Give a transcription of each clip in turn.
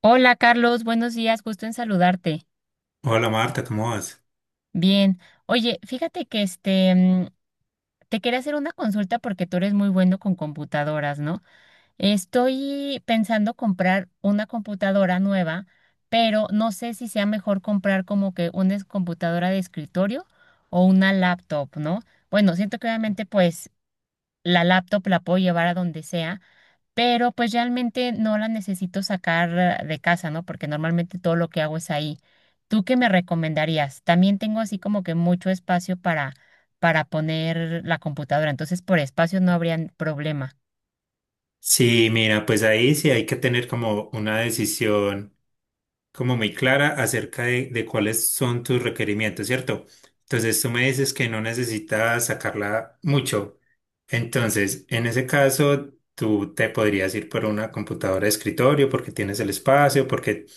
Hola Carlos, buenos días, gusto en saludarte. Hola Marta, ¿cómo vas? Bien, oye, fíjate que te quería hacer una consulta porque tú eres muy bueno con computadoras, ¿no? Estoy pensando comprar una computadora nueva, pero no sé si sea mejor comprar como que computadora de escritorio o una laptop, ¿no? Bueno, siento que obviamente pues la laptop la puedo llevar a donde sea, pero pues realmente no la necesito sacar de casa, ¿no? Porque normalmente todo lo que hago es ahí. ¿Tú qué me recomendarías? También tengo así como que mucho espacio para poner la computadora, entonces por espacio no habría problema. Sí, mira, pues ahí sí hay que tener como una decisión como muy clara acerca de cuáles son tus requerimientos, ¿cierto? Entonces tú me dices que no necesitas sacarla mucho. Entonces, en ese caso, tú te podrías ir por una computadora de escritorio porque tienes el espacio, porque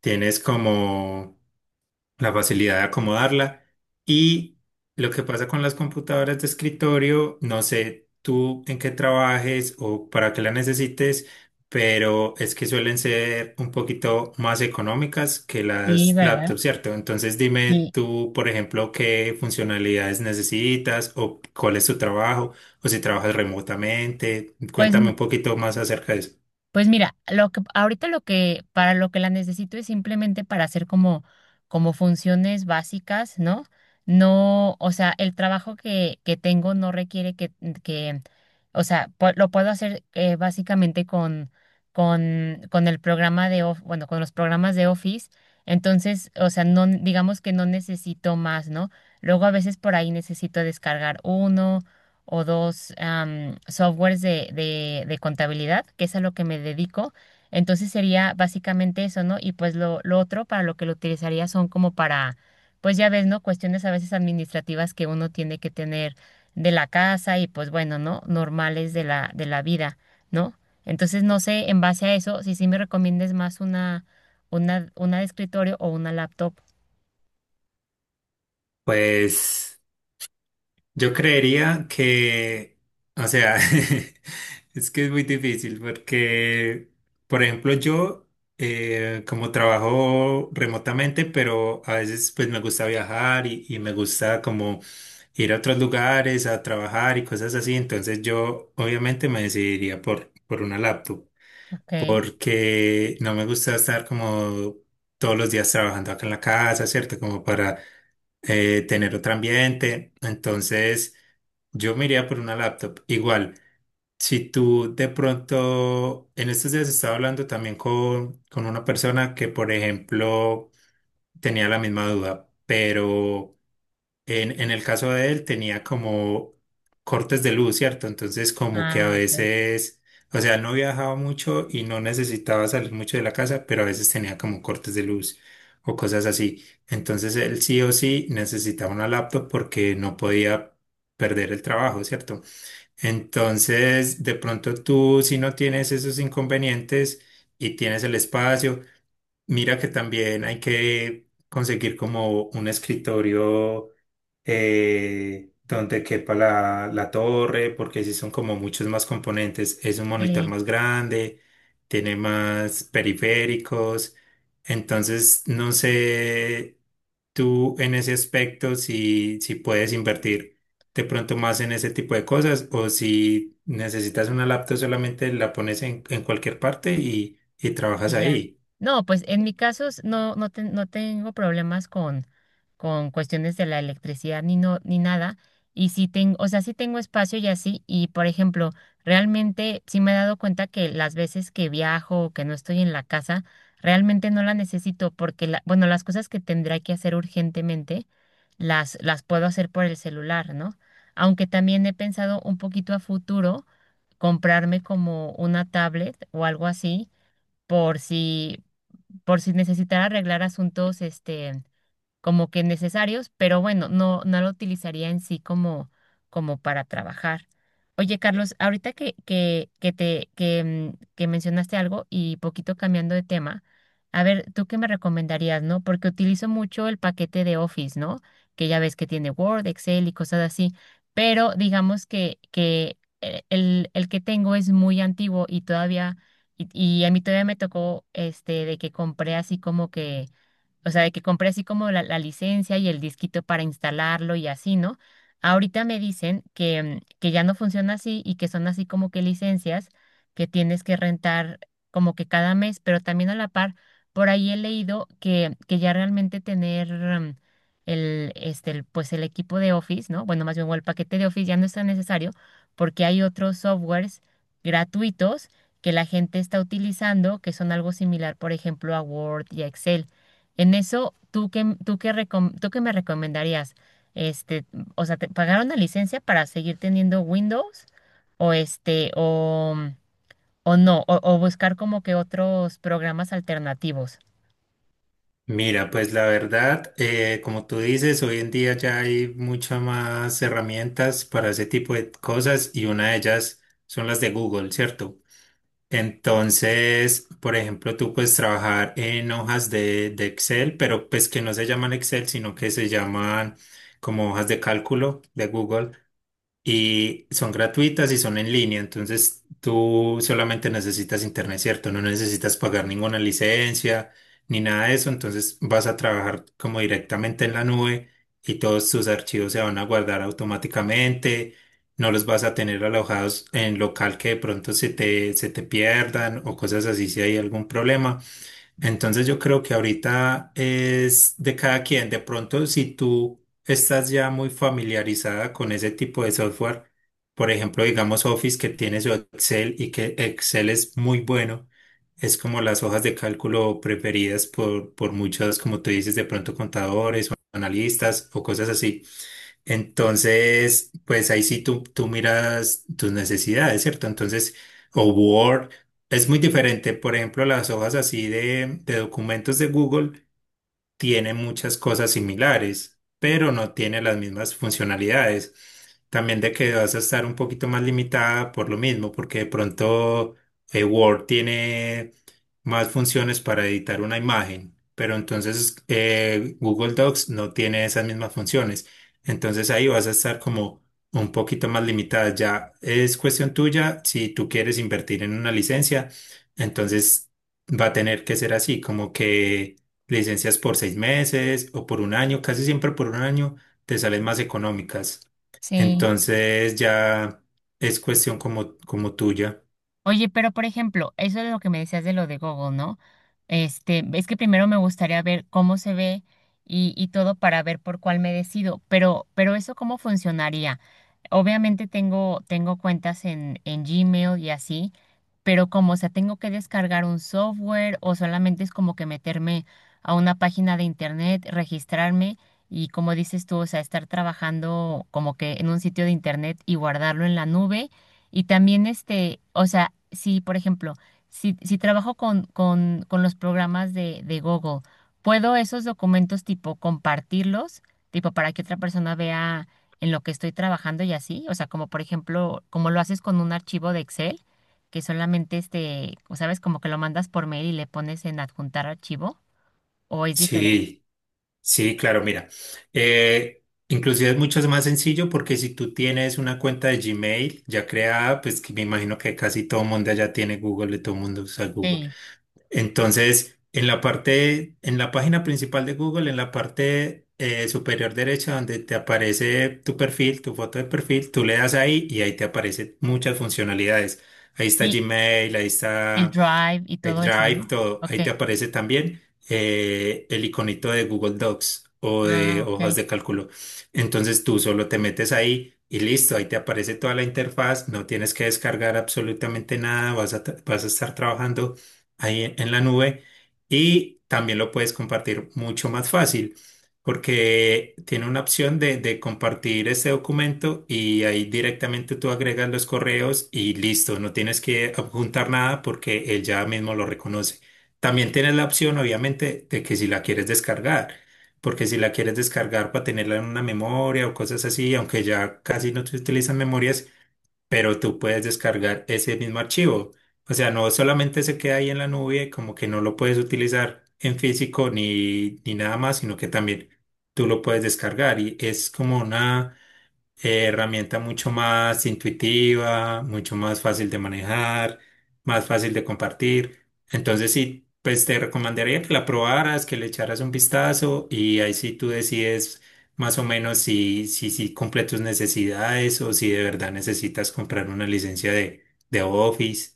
tienes como la facilidad de acomodarla. Y lo que pasa con las computadoras de escritorio, no sé tú en qué trabajes o para qué la necesites, pero es que suelen ser un poquito más económicas que Sí, las ¿verdad? laptops, ¿cierto? Entonces dime Sí. tú, por ejemplo, qué funcionalidades necesitas o cuál es tu trabajo o si trabajas remotamente. Pues Cuéntame un poquito más acerca de eso. Pues mira, lo que ahorita lo que para lo que la necesito es simplemente para hacer como funciones básicas, ¿no? No, o sea, el trabajo que tengo no requiere que que o sea, lo puedo hacer básicamente con el programa de Of- bueno, con los programas de Office, entonces, o sea, no digamos que no necesito más, ¿no? Luego a veces por ahí necesito descargar uno o dos softwares de contabilidad, que es a lo que me dedico. Entonces sería básicamente eso, ¿no? Y pues lo otro para lo que lo utilizaría son como para, pues ya ves, ¿no? Cuestiones a veces administrativas que uno tiene que tener de la casa y pues bueno, ¿no? Normales de de la vida, ¿no? Entonces no sé, en base a eso, si sí me recomiendes más una de escritorio o una laptop. Pues. Yo creería que, o sea, es que es muy difícil porque, por ejemplo, yo como trabajo remotamente, pero a veces pues me gusta viajar y me gusta como ir a otros lugares a trabajar y cosas así, entonces yo obviamente me decidiría por una laptop Ok. porque no me gusta estar como todos los días trabajando acá en la casa, ¿cierto? Como para tener otro ambiente. Entonces, yo me iría por una laptop. Igual, si tú de pronto, en estos días estaba hablando también con una persona que, por ejemplo, tenía la misma duda, pero en el caso de él tenía como cortes de luz, ¿cierto? Entonces como que a Ah, ok. veces, o sea, no viajaba mucho y no necesitaba salir mucho de la casa, pero a veces tenía como cortes de luz o cosas así. Entonces él sí o sí necesitaba una laptop porque no podía perder el trabajo, ¿cierto? Entonces, de pronto tú si no tienes esos inconvenientes y tienes el espacio, mira que también hay que conseguir como un escritorio donde quepa la torre, porque si son como muchos más componentes, es un monitor Sí. más grande, tiene más periféricos, entonces no sé tú en ese aspecto si, si puedes invertir de pronto más en ese tipo de cosas o si necesitas una laptop solamente la pones en cualquier parte y trabajas Y ya. ahí. No, pues en mi caso no tengo problemas con cuestiones de la electricidad ni no, ni nada. Y sí tengo, o sea, sí tengo espacio y así. Y por ejemplo, realmente sí me he dado cuenta que las veces que viajo o que no estoy en la casa, realmente no la necesito porque la, bueno, las cosas que tendré que hacer urgentemente, las puedo hacer por el celular, ¿no? Aunque también he pensado un poquito a futuro comprarme como una tablet o algo así por si, por si necesitara arreglar asuntos, este, como que necesarios, pero bueno, no, no lo utilizaría en sí como, como para trabajar. Oye, Carlos, ahorita que te, que, mm, que mencionaste algo y poquito cambiando de tema, a ver, ¿tú qué me recomendarías, no? Porque utilizo mucho el paquete de Office, ¿no? Que ya ves que tiene Word, Excel y cosas así, pero digamos que el que tengo es muy antiguo y todavía, y a mí todavía me tocó este de que compré así como que o sea, de que compré así como la licencia y el disquito para instalarlo y así, ¿no? Ahorita me dicen que ya no funciona así y que son así como que licencias que tienes que rentar como que cada mes, pero también a la par, por ahí he leído que ya realmente tener pues el equipo de Office, ¿no? Bueno, más bien o el paquete de Office ya no es tan necesario porque hay otros softwares gratuitos que la gente está utilizando que son algo similar, por ejemplo, a Word y a Excel. En eso, ¿ tú qué me recomendarías? Este, o sea, ¿te pagar una licencia para seguir teniendo Windows? O este, o no, o buscar como que otros programas alternativos. Mira, pues la verdad, como tú dices, hoy en día ya hay muchas más herramientas para ese tipo de cosas y una de ellas son las de Google, ¿cierto? Entonces, por ejemplo, tú puedes trabajar en hojas de Excel, pero pues que no se llaman Excel, sino que se llaman como hojas de cálculo de Google y son gratuitas y son en línea, entonces tú solamente necesitas internet, ¿cierto? No necesitas pagar ninguna licencia ni nada de eso, entonces vas a trabajar como directamente en la nube y todos tus archivos se van a guardar automáticamente, no los vas a tener alojados en local que de pronto se te pierdan o cosas así si hay algún problema. Entonces yo creo que ahorita es de cada quien. De pronto, si tú estás ya muy familiarizada con ese tipo de software, por ejemplo, digamos Office que tiene su Excel y que Excel es muy bueno, es como las hojas de cálculo preferidas por muchos, como tú dices, de pronto contadores o analistas o cosas así. Entonces, pues ahí sí tú miras tus necesidades, ¿cierto? Entonces, o Word es muy diferente. Por ejemplo, las hojas así de documentos de Google tiene muchas cosas similares, pero no tiene las mismas funcionalidades. También de que vas a estar un poquito más limitada por lo mismo, porque de pronto Word tiene más funciones para editar una imagen, pero entonces Google Docs no tiene esas mismas funciones. Entonces ahí vas a estar como un poquito más limitada. Ya es cuestión tuya si tú quieres invertir en una licencia, entonces va a tener que ser así, como que licencias por 6 meses o por 1 año, casi siempre por 1 año te salen más económicas. Sí. Entonces ya es cuestión como, como tuya. Oye, pero por ejemplo, eso es lo que me decías de lo de Google, ¿no? Este, es que primero me gustaría ver cómo se ve y todo para ver por cuál me decido, pero eso cómo funcionaría. Obviamente tengo cuentas en Gmail y así, pero como, o sea, tengo que descargar un software o solamente es como que meterme a una página de internet, registrarme y como dices tú, o sea, estar trabajando como que en un sitio de internet y guardarlo en la nube y también este, o sea, si por ejemplo, si trabajo con los programas de Google, ¿puedo esos documentos tipo compartirlos, tipo para que otra persona vea en lo que estoy trabajando y así? O sea, como por ejemplo, como lo haces con un archivo de Excel, que solamente este, o sabes, como que lo mandas por mail y le pones en adjuntar archivo, ¿o es diferente? Sí, sí, claro, mira. eh, Inclusive es mucho más sencillo porque si tú tienes una cuenta de Gmail ya creada, pues que me imagino que casi todo el mundo allá tiene Google, de todo el mundo usa Google. Sí, Entonces, en la parte, en la página principal de Google, en la parte superior derecha donde te aparece tu perfil, tu foto de perfil, tú le das ahí y ahí te aparecen muchas funcionalidades. Ahí está sí, Gmail, ahí el está Drive y el todo eso, Drive, ¿no? todo, Ok, ahí te aparece también el iconito de Google Docs o ah, de hojas ok. de cálculo. Entonces tú solo te metes ahí y listo, ahí te aparece toda la interfaz, no tienes que descargar absolutamente nada, vas a, vas a estar trabajando ahí en la nube y también lo puedes compartir mucho más fácil. Porque tiene una opción de compartir este documento y ahí directamente tú agregas los correos y listo, no tienes que adjuntar nada porque él ya mismo lo reconoce. También tienes la opción, obviamente, de que si la quieres descargar, porque si la quieres descargar para tenerla en una memoria o cosas así, aunque ya casi no se utilizan memorias, pero tú puedes descargar ese mismo archivo. O sea, no solamente se queda ahí en la nube, como que no lo puedes utilizar en físico ni, ni nada más, sino que también tú lo puedes descargar y es como una herramienta mucho más intuitiva, mucho más fácil de manejar, más fácil de compartir. Entonces sí, pues te recomendaría que la probaras, que le echaras un vistazo y ahí sí tú decides más o menos si, si, si cumple tus necesidades o si de verdad necesitas comprar una licencia de Office.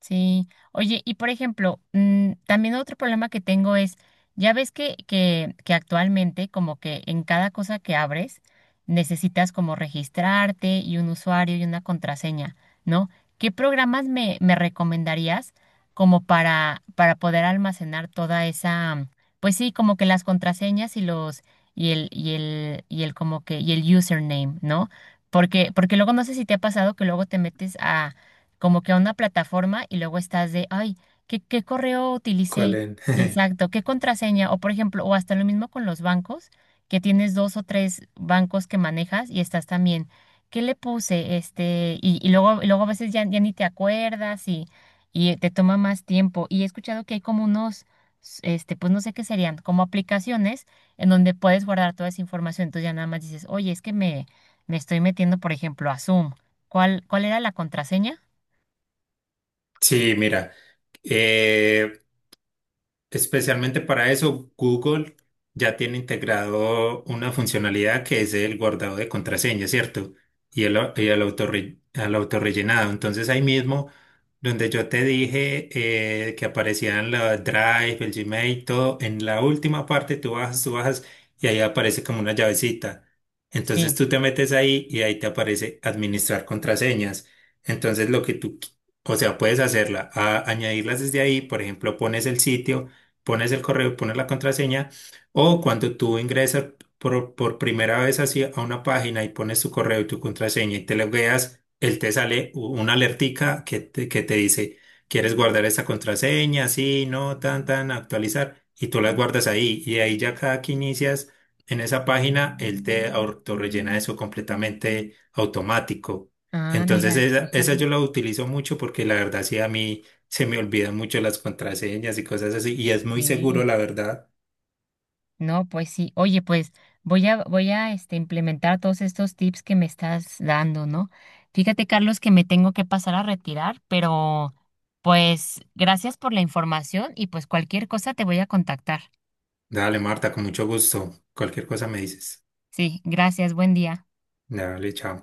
Sí, oye, y por ejemplo, también otro problema que tengo es, ya ves que actualmente como que en cada cosa que abres necesitas como registrarte y un usuario y una contraseña, ¿no? ¿Qué programas me recomendarías como para poder almacenar toda esa, pues sí, como que las contraseñas y el como que, y el username, ¿no? Porque luego no sé si te ha pasado que luego te metes a como que a una plataforma y luego estás de, ay, ¿ qué correo ¿Cuál utilicé? es? Exacto, ¿qué contraseña? O por ejemplo, o hasta lo mismo con los bancos, que tienes dos o tres bancos que manejas y estás también, ¿qué le puse? Este, y luego a veces ya ni te acuerdas y te toma más tiempo. Y he escuchado que hay como unos, este, pues no sé qué serían, como aplicaciones en donde puedes guardar toda esa información. Entonces ya nada más dices, oye, es que me estoy metiendo, por ejemplo, a Zoom. ¿ cuál era la contraseña? Sí, mira. eh, Especialmente para eso, Google ya tiene integrado una funcionalidad que es el guardado de contraseña, ¿cierto? Y el, au- y el autorre- al autorrellenado. Entonces ahí mismo, donde yo te dije que aparecían la Drive, el Gmail, todo, en la última parte tú bajas y ahí aparece como una llavecita. Entonces Sí. tú te metes ahí y ahí te aparece administrar contraseñas. Entonces lo que tú, o sea, puedes hacerla, añadirlas desde ahí, por ejemplo, pones el sitio pones el correo y pones la contraseña, o cuando tú ingresas por primera vez así a una página y pones tu correo y tu contraseña y te logueas, él te sale una alertica que te dice, ¿quieres guardar esa contraseña? Sí, no, tan, tan, actualizar, y tú las guardas ahí, y ahí ya cada que inicias en esa página, él te autorrellena eso completamente automático. Ah, Entonces mira, no esa sabía. yo la utilizo mucho porque la verdad sí a mí se me olvidan mucho las contraseñas y cosas así. Y es muy seguro, Sí. la verdad. No, pues sí. Oye, pues voy a este, implementar todos estos tips que me estás dando, ¿no? Fíjate, Carlos, que me tengo que pasar a retirar, pero pues gracias por la información y pues cualquier cosa te voy a contactar. Dale, Marta, con mucho gusto. Cualquier cosa me dices. Sí, gracias, buen día. Dale, chao.